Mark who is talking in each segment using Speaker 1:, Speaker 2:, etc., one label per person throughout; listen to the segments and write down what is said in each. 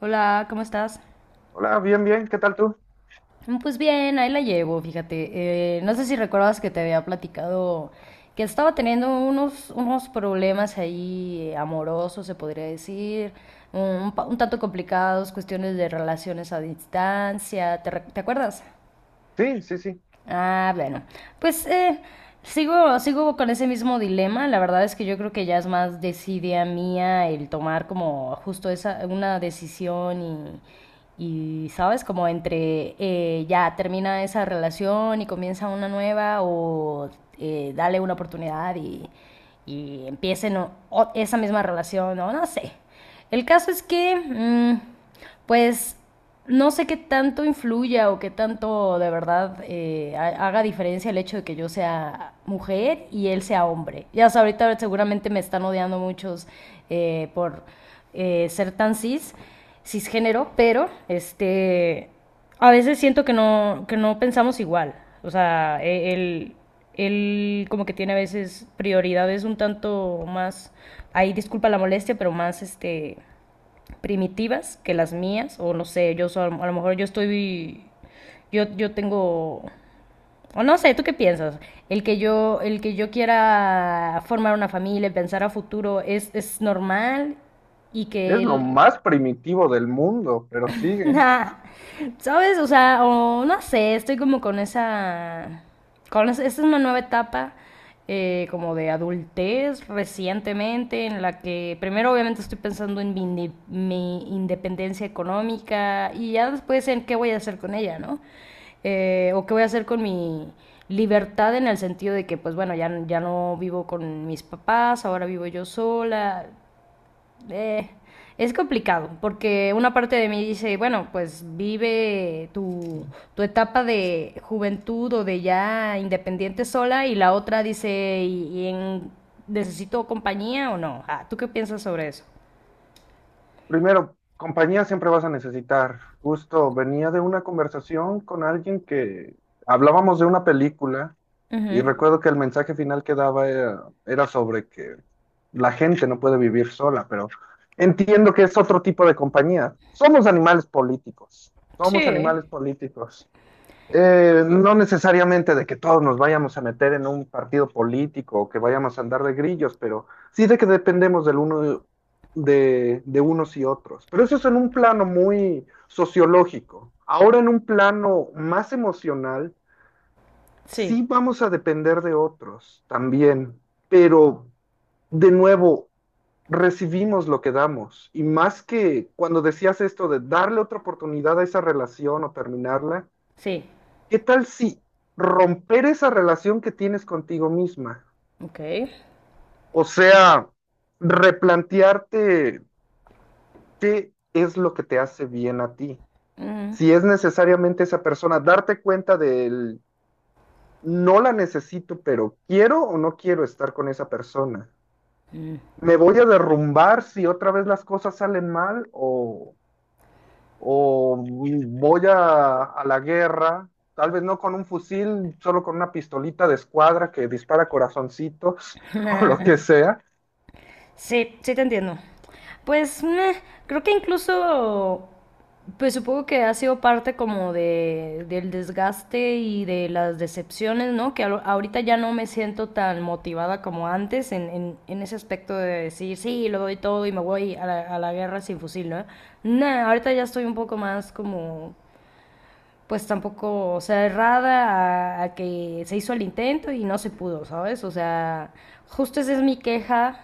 Speaker 1: Hola, ¿cómo estás?
Speaker 2: Hola, bien, bien, ¿qué tal tú?
Speaker 1: Mm, pues bien, ahí la llevo, fíjate. No sé si recuerdas que te había platicado que estaba teniendo unos problemas ahí amorosos, se podría decir, un, un tanto complicados, cuestiones de relaciones a distancia, ¿ te acuerdas?
Speaker 2: Sí, sí, sí.
Speaker 1: Ah, bueno. Pues sigo con ese mismo dilema. La verdad es que yo creo que ya es más desidia mía el tomar como justo una decisión y, ¿sabes? Como entre ya termina esa relación y comienza una nueva o dale una oportunidad y empiecen esa misma relación o no sé. El caso es que, pues no sé qué tanto influya o qué tanto de verdad haga diferencia el hecho de que yo sea mujer y él sea hombre. Ya sabes, ahorita seguramente me están odiando muchos por ser tan cisgénero, pero este, a veces siento que no pensamos igual. O sea, él como que tiene a veces prioridades un tanto más, ahí disculpa la molestia, pero más este primitivas que las mías, o no sé, yo a lo mejor yo estoy, yo tengo, o no sé, ¿tú qué piensas? El que yo quiera formar una familia, pensar a futuro, es normal y que
Speaker 2: Es lo
Speaker 1: él,
Speaker 2: más primitivo del mundo, pero sigue.
Speaker 1: nah, ¿sabes? O sea, o no sé, estoy como con esa... Con esa, esta es una nueva etapa como de adultez recientemente, en la que primero obviamente estoy pensando en mi independencia económica y ya después en qué voy a hacer con ella, ¿no? O qué voy a hacer con mi libertad, en el sentido de que pues bueno, ya, ya no vivo con mis papás, ahora vivo yo sola, eh, es complicado, porque una parte de mí dice, bueno, pues vive tu etapa de juventud o de ya independiente sola, y la otra dice, ¿y, necesito compañía o no? Ah, ¿tú qué piensas sobre eso?
Speaker 2: Primero, compañía siempre vas a necesitar. Justo venía de una conversación con alguien que hablábamos de una película y
Speaker 1: Ujú.
Speaker 2: recuerdo que el mensaje final que daba era sobre que la gente no puede vivir sola, pero entiendo que es otro tipo de compañía. Somos animales políticos. Somos
Speaker 1: Sí,
Speaker 2: animales políticos. No necesariamente de que todos nos vayamos a meter en un partido político o que vayamos a andar de grillos, pero sí de que dependemos del uno de unos y otros. Pero eso es en un plano muy sociológico. Ahora en un plano más emocional,
Speaker 1: sí,
Speaker 2: sí vamos a depender de otros también, pero de nuevo recibimos lo que damos. Y más que cuando decías esto de darle otra oportunidad a esa relación o terminarla,
Speaker 1: sí.
Speaker 2: ¿qué tal si romper esa relación que tienes contigo misma?
Speaker 1: Ok.
Speaker 2: O sea, replantearte qué es lo que te hace bien a ti.
Speaker 1: Mm.
Speaker 2: Si es necesariamente esa persona, darte cuenta del no la necesito, pero quiero o no quiero estar con esa persona.
Speaker 1: Mm.
Speaker 2: ¿Me voy a derrumbar si otra vez las cosas salen mal o voy a la guerra, tal vez no con un fusil, solo con una pistolita de escuadra que dispara corazoncitos o lo que sea?
Speaker 1: Sí, sí te entiendo. Pues meh, creo que incluso, pues supongo que ha sido parte como de, del desgaste y de las decepciones, ¿no? Ahorita ya no me siento tan motivada como antes en ese aspecto de decir, sí, lo doy todo y me voy a la guerra sin fusil, ¿no? Nah, ahorita ya estoy un poco más como, pues tampoco cerrada a que se hizo el intento y no se pudo, ¿sabes? O sea, justo esa es mi queja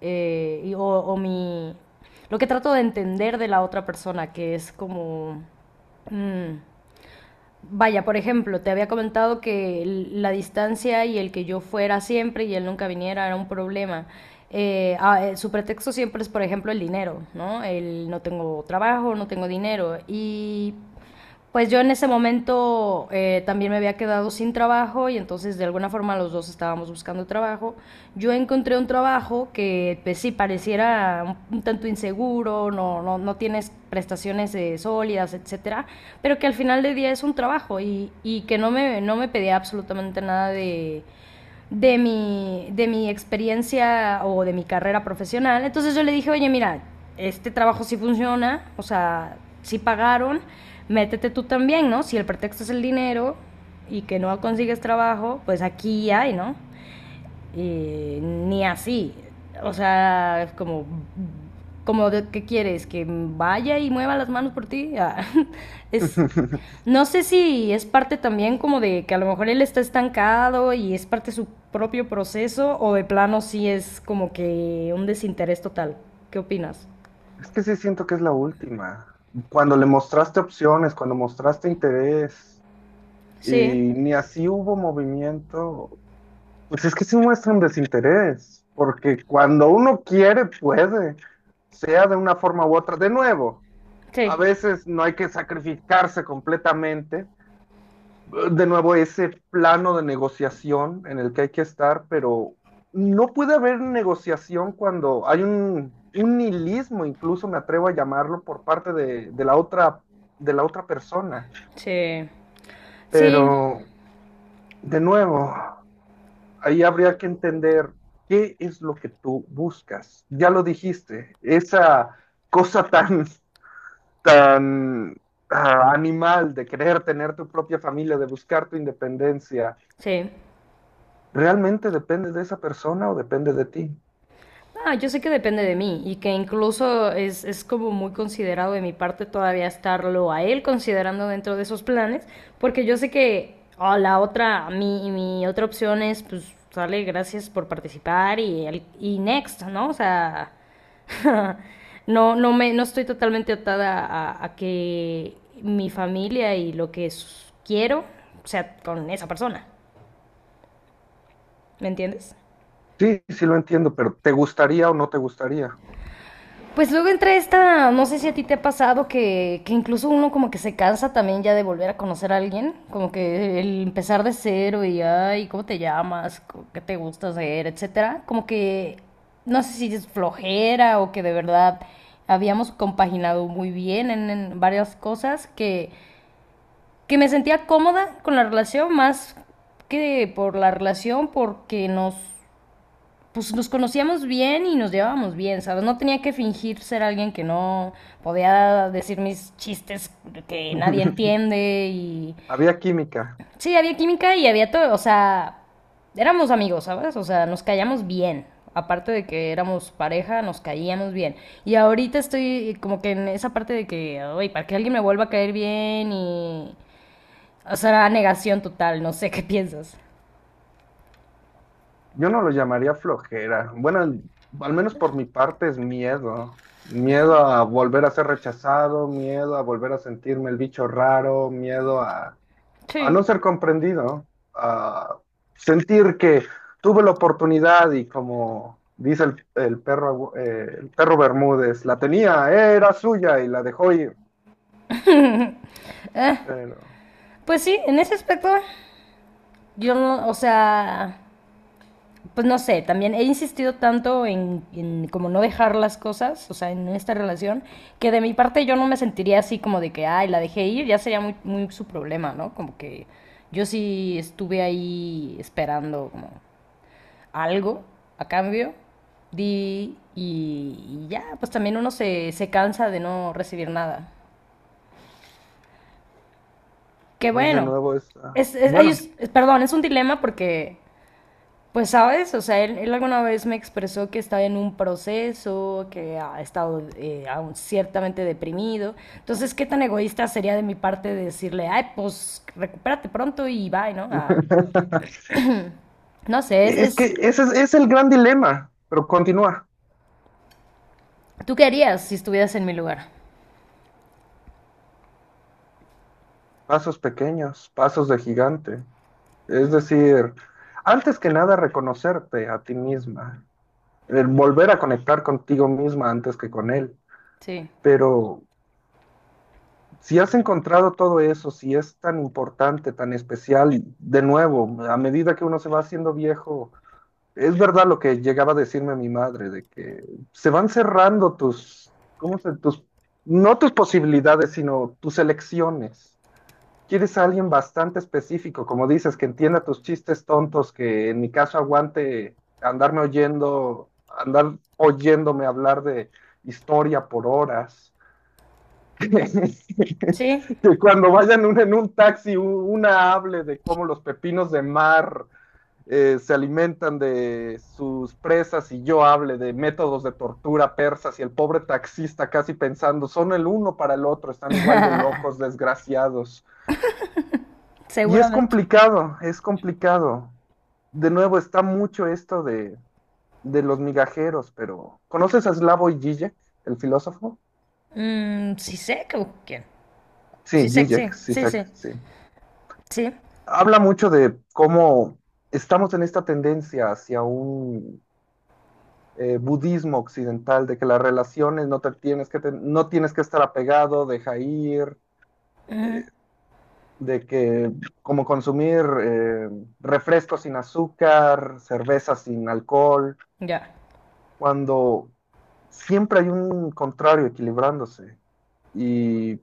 Speaker 1: o mi... Lo que trato de entender de la otra persona, que es como... mm, Vaya, por ejemplo, te había comentado que la distancia y el que yo fuera siempre y él nunca viniera era un problema. Su pretexto siempre es, por ejemplo, el dinero, ¿no? El no tengo trabajo, no tengo dinero. Y pues yo en ese momento también me había quedado sin trabajo, y entonces de alguna forma los dos estábamos buscando trabajo. Yo encontré un trabajo que pues sí pareciera un tanto inseguro inseguro, no, no, no tienes prestaciones sólidas, etcétera, pero que al final del día es un trabajo y que no me, no me pedía absolutamente nada de, de mi experiencia o de mi carrera profesional. Entonces yo le dije, oye, mira, este trabajo sí funciona, o sea, sí pagaron, métete tú también, ¿no? Si el pretexto es el dinero y que no consigues trabajo, pues aquí hay, ¿no? Y ni así. O sea, es como, como de, ¿qué quieres? ¿Que vaya y mueva las manos por ti? Ah, es, no sé si es parte también como de que a lo mejor él está estancado y es parte de su propio proceso, o de plano sí es como que un desinterés total. ¿Qué opinas?
Speaker 2: Es que sí siento que es la última. Cuando le mostraste opciones, cuando mostraste interés y
Speaker 1: Sí,
Speaker 2: ni así hubo movimiento, pues es que sí muestra un desinterés, porque cuando uno quiere, puede, sea de una forma u otra. De nuevo, a
Speaker 1: sí,
Speaker 2: veces no hay que sacrificarse completamente, de nuevo ese plano de negociación en el que hay que estar, pero no puede haber negociación cuando hay un nihilismo, incluso me atrevo a llamarlo, por parte de la otra, de la otra persona.
Speaker 1: sí, sí,
Speaker 2: Pero, de nuevo, ahí habría que entender qué es lo que tú buscas. Ya lo dijiste, esa cosa tan, tan animal de querer tener tu propia familia, de buscar tu independencia.
Speaker 1: sí.
Speaker 2: ¿Realmente depende de esa persona o depende de ti?
Speaker 1: Ah, yo sé que depende de mí y que incluso es como muy considerado de mi parte todavía estarlo a él considerando dentro de esos planes, porque yo sé que ah, la otra, mi otra opción es, pues, sale, gracias por participar y, y next, ¿no? O sea, no, no, no estoy totalmente atada a que mi familia y lo que quiero sea con esa persona, ¿me entiendes?
Speaker 2: Sí, sí lo entiendo, pero ¿te gustaría o no te gustaría?
Speaker 1: Pues luego entra esta, no sé si a ti te ha pasado que incluso uno como que se cansa también ya de volver a conocer a alguien, como que el empezar de cero y ay, ¿cómo te llamas? ¿Qué te gusta hacer? Etcétera. Como que no sé si es flojera o que de verdad habíamos compaginado muy bien en varias cosas que me sentía cómoda con la relación más que por la relación porque nos pues nos conocíamos bien y nos llevábamos bien, ¿sabes? No tenía que fingir ser alguien que no, podía decir mis chistes que nadie entiende y
Speaker 2: Había química.
Speaker 1: sí, había química y había todo, o sea, éramos amigos, ¿sabes? O sea, nos callamos bien. Aparte de que éramos pareja, nos caíamos bien. Y ahorita estoy como que en esa parte de que, oye, para que alguien me vuelva a caer bien y... O sea, negación total, no sé qué piensas.
Speaker 2: Yo no lo llamaría flojera. Bueno, al menos por mi parte es miedo. Miedo a volver a ser rechazado, miedo a volver a sentirme el bicho raro, miedo a no
Speaker 1: Sí.
Speaker 2: ser comprendido, a sentir que tuve la oportunidad y como dice el perro, el perro Bermúdez, la tenía, era suya y la dejó ir. Pero
Speaker 1: Pues sí, en ese aspecto, yo no, o sea, pues no sé, también he insistido tanto en, como no dejar las cosas, o sea, en esta relación, que de mi parte yo no me sentiría así como de que, ay, la dejé ir, ya sería muy, muy su problema, ¿no? Como que yo sí estuve ahí esperando como algo a cambio, di y ya, pues también uno se, se cansa de no recibir nada. Que
Speaker 2: es de
Speaker 1: bueno,
Speaker 2: nuevo esta.
Speaker 1: es, ay,
Speaker 2: Bueno,
Speaker 1: perdón, es un dilema porque pues sabes, o sea, él alguna vez me expresó que estaba en un proceso, que ha estado aún ciertamente deprimido. Entonces, ¿qué tan egoísta sería de mi parte decirle, ay, pues recupérate pronto y bye, ¿no? Ah, no sé,
Speaker 2: es
Speaker 1: es...
Speaker 2: que ese es el gran dilema, pero continúa.
Speaker 1: ¿Tú qué harías si estuvieras en mi lugar?
Speaker 2: Pasos pequeños, pasos de gigante. Es decir, antes que nada reconocerte a ti misma, el volver a conectar contigo misma antes que con él.
Speaker 1: Sí.
Speaker 2: Pero si has encontrado todo eso, si es tan importante, tan especial, y de nuevo, a medida que uno se va haciendo viejo, es verdad lo que llegaba a decirme mi madre, de que se van cerrando tus, ¿cómo se, tus, no tus posibilidades, sino tus elecciones? Quieres a alguien bastante específico, como dices, que entienda tus chistes tontos, que en mi caso aguante andarme oyendo, andar oyéndome hablar de historia por horas.
Speaker 1: Sí.
Speaker 2: Que cuando vayan un- en un taxi u- una hable de cómo los pepinos de mar se alimentan de sus presas y yo hable de métodos de tortura persas y el pobre taxista casi pensando, son el uno para el otro, están igual de locos, desgraciados. Y es
Speaker 1: Seguramente.
Speaker 2: complicado, es complicado. De nuevo, está mucho esto de los migajeros, pero ¿conoces a Slavoj Žižek, el filósofo?
Speaker 1: Mm, sí sé que quién.
Speaker 2: Sí,
Speaker 1: Sí sé, sí,
Speaker 2: Žižek, sí,
Speaker 1: sí, sí.
Speaker 2: sí.
Speaker 1: Sí.
Speaker 2: Habla mucho de cómo estamos en esta tendencia hacia un budismo occidental, de que las relaciones no, te tienes, que te- no tienes que estar apegado, deja ir,
Speaker 1: Ujú,
Speaker 2: eh, de que como consumir refrescos sin azúcar, cerveza sin alcohol,
Speaker 1: ya.
Speaker 2: cuando siempre hay un contrario equilibrándose. Y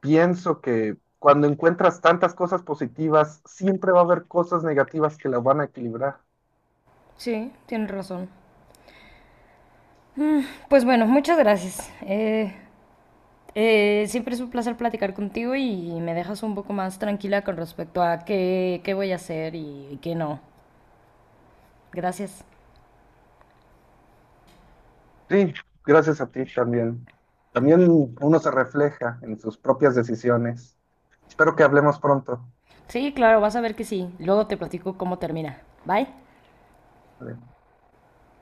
Speaker 2: pienso que cuando encuentras tantas cosas positivas, siempre va a haber cosas negativas que las van a equilibrar.
Speaker 1: Sí, tienes razón. Mm, pues bueno, muchas gracias. Siempre es un placer platicar contigo y me dejas un poco más tranquila con respecto a qué, qué voy a hacer y qué no. Gracias.
Speaker 2: Sí, gracias a ti también. También uno se refleja en sus propias decisiones. Espero que hablemos pronto.
Speaker 1: Sí, claro, vas a ver que sí. Luego te platico cómo termina. Bye.
Speaker 2: Vale.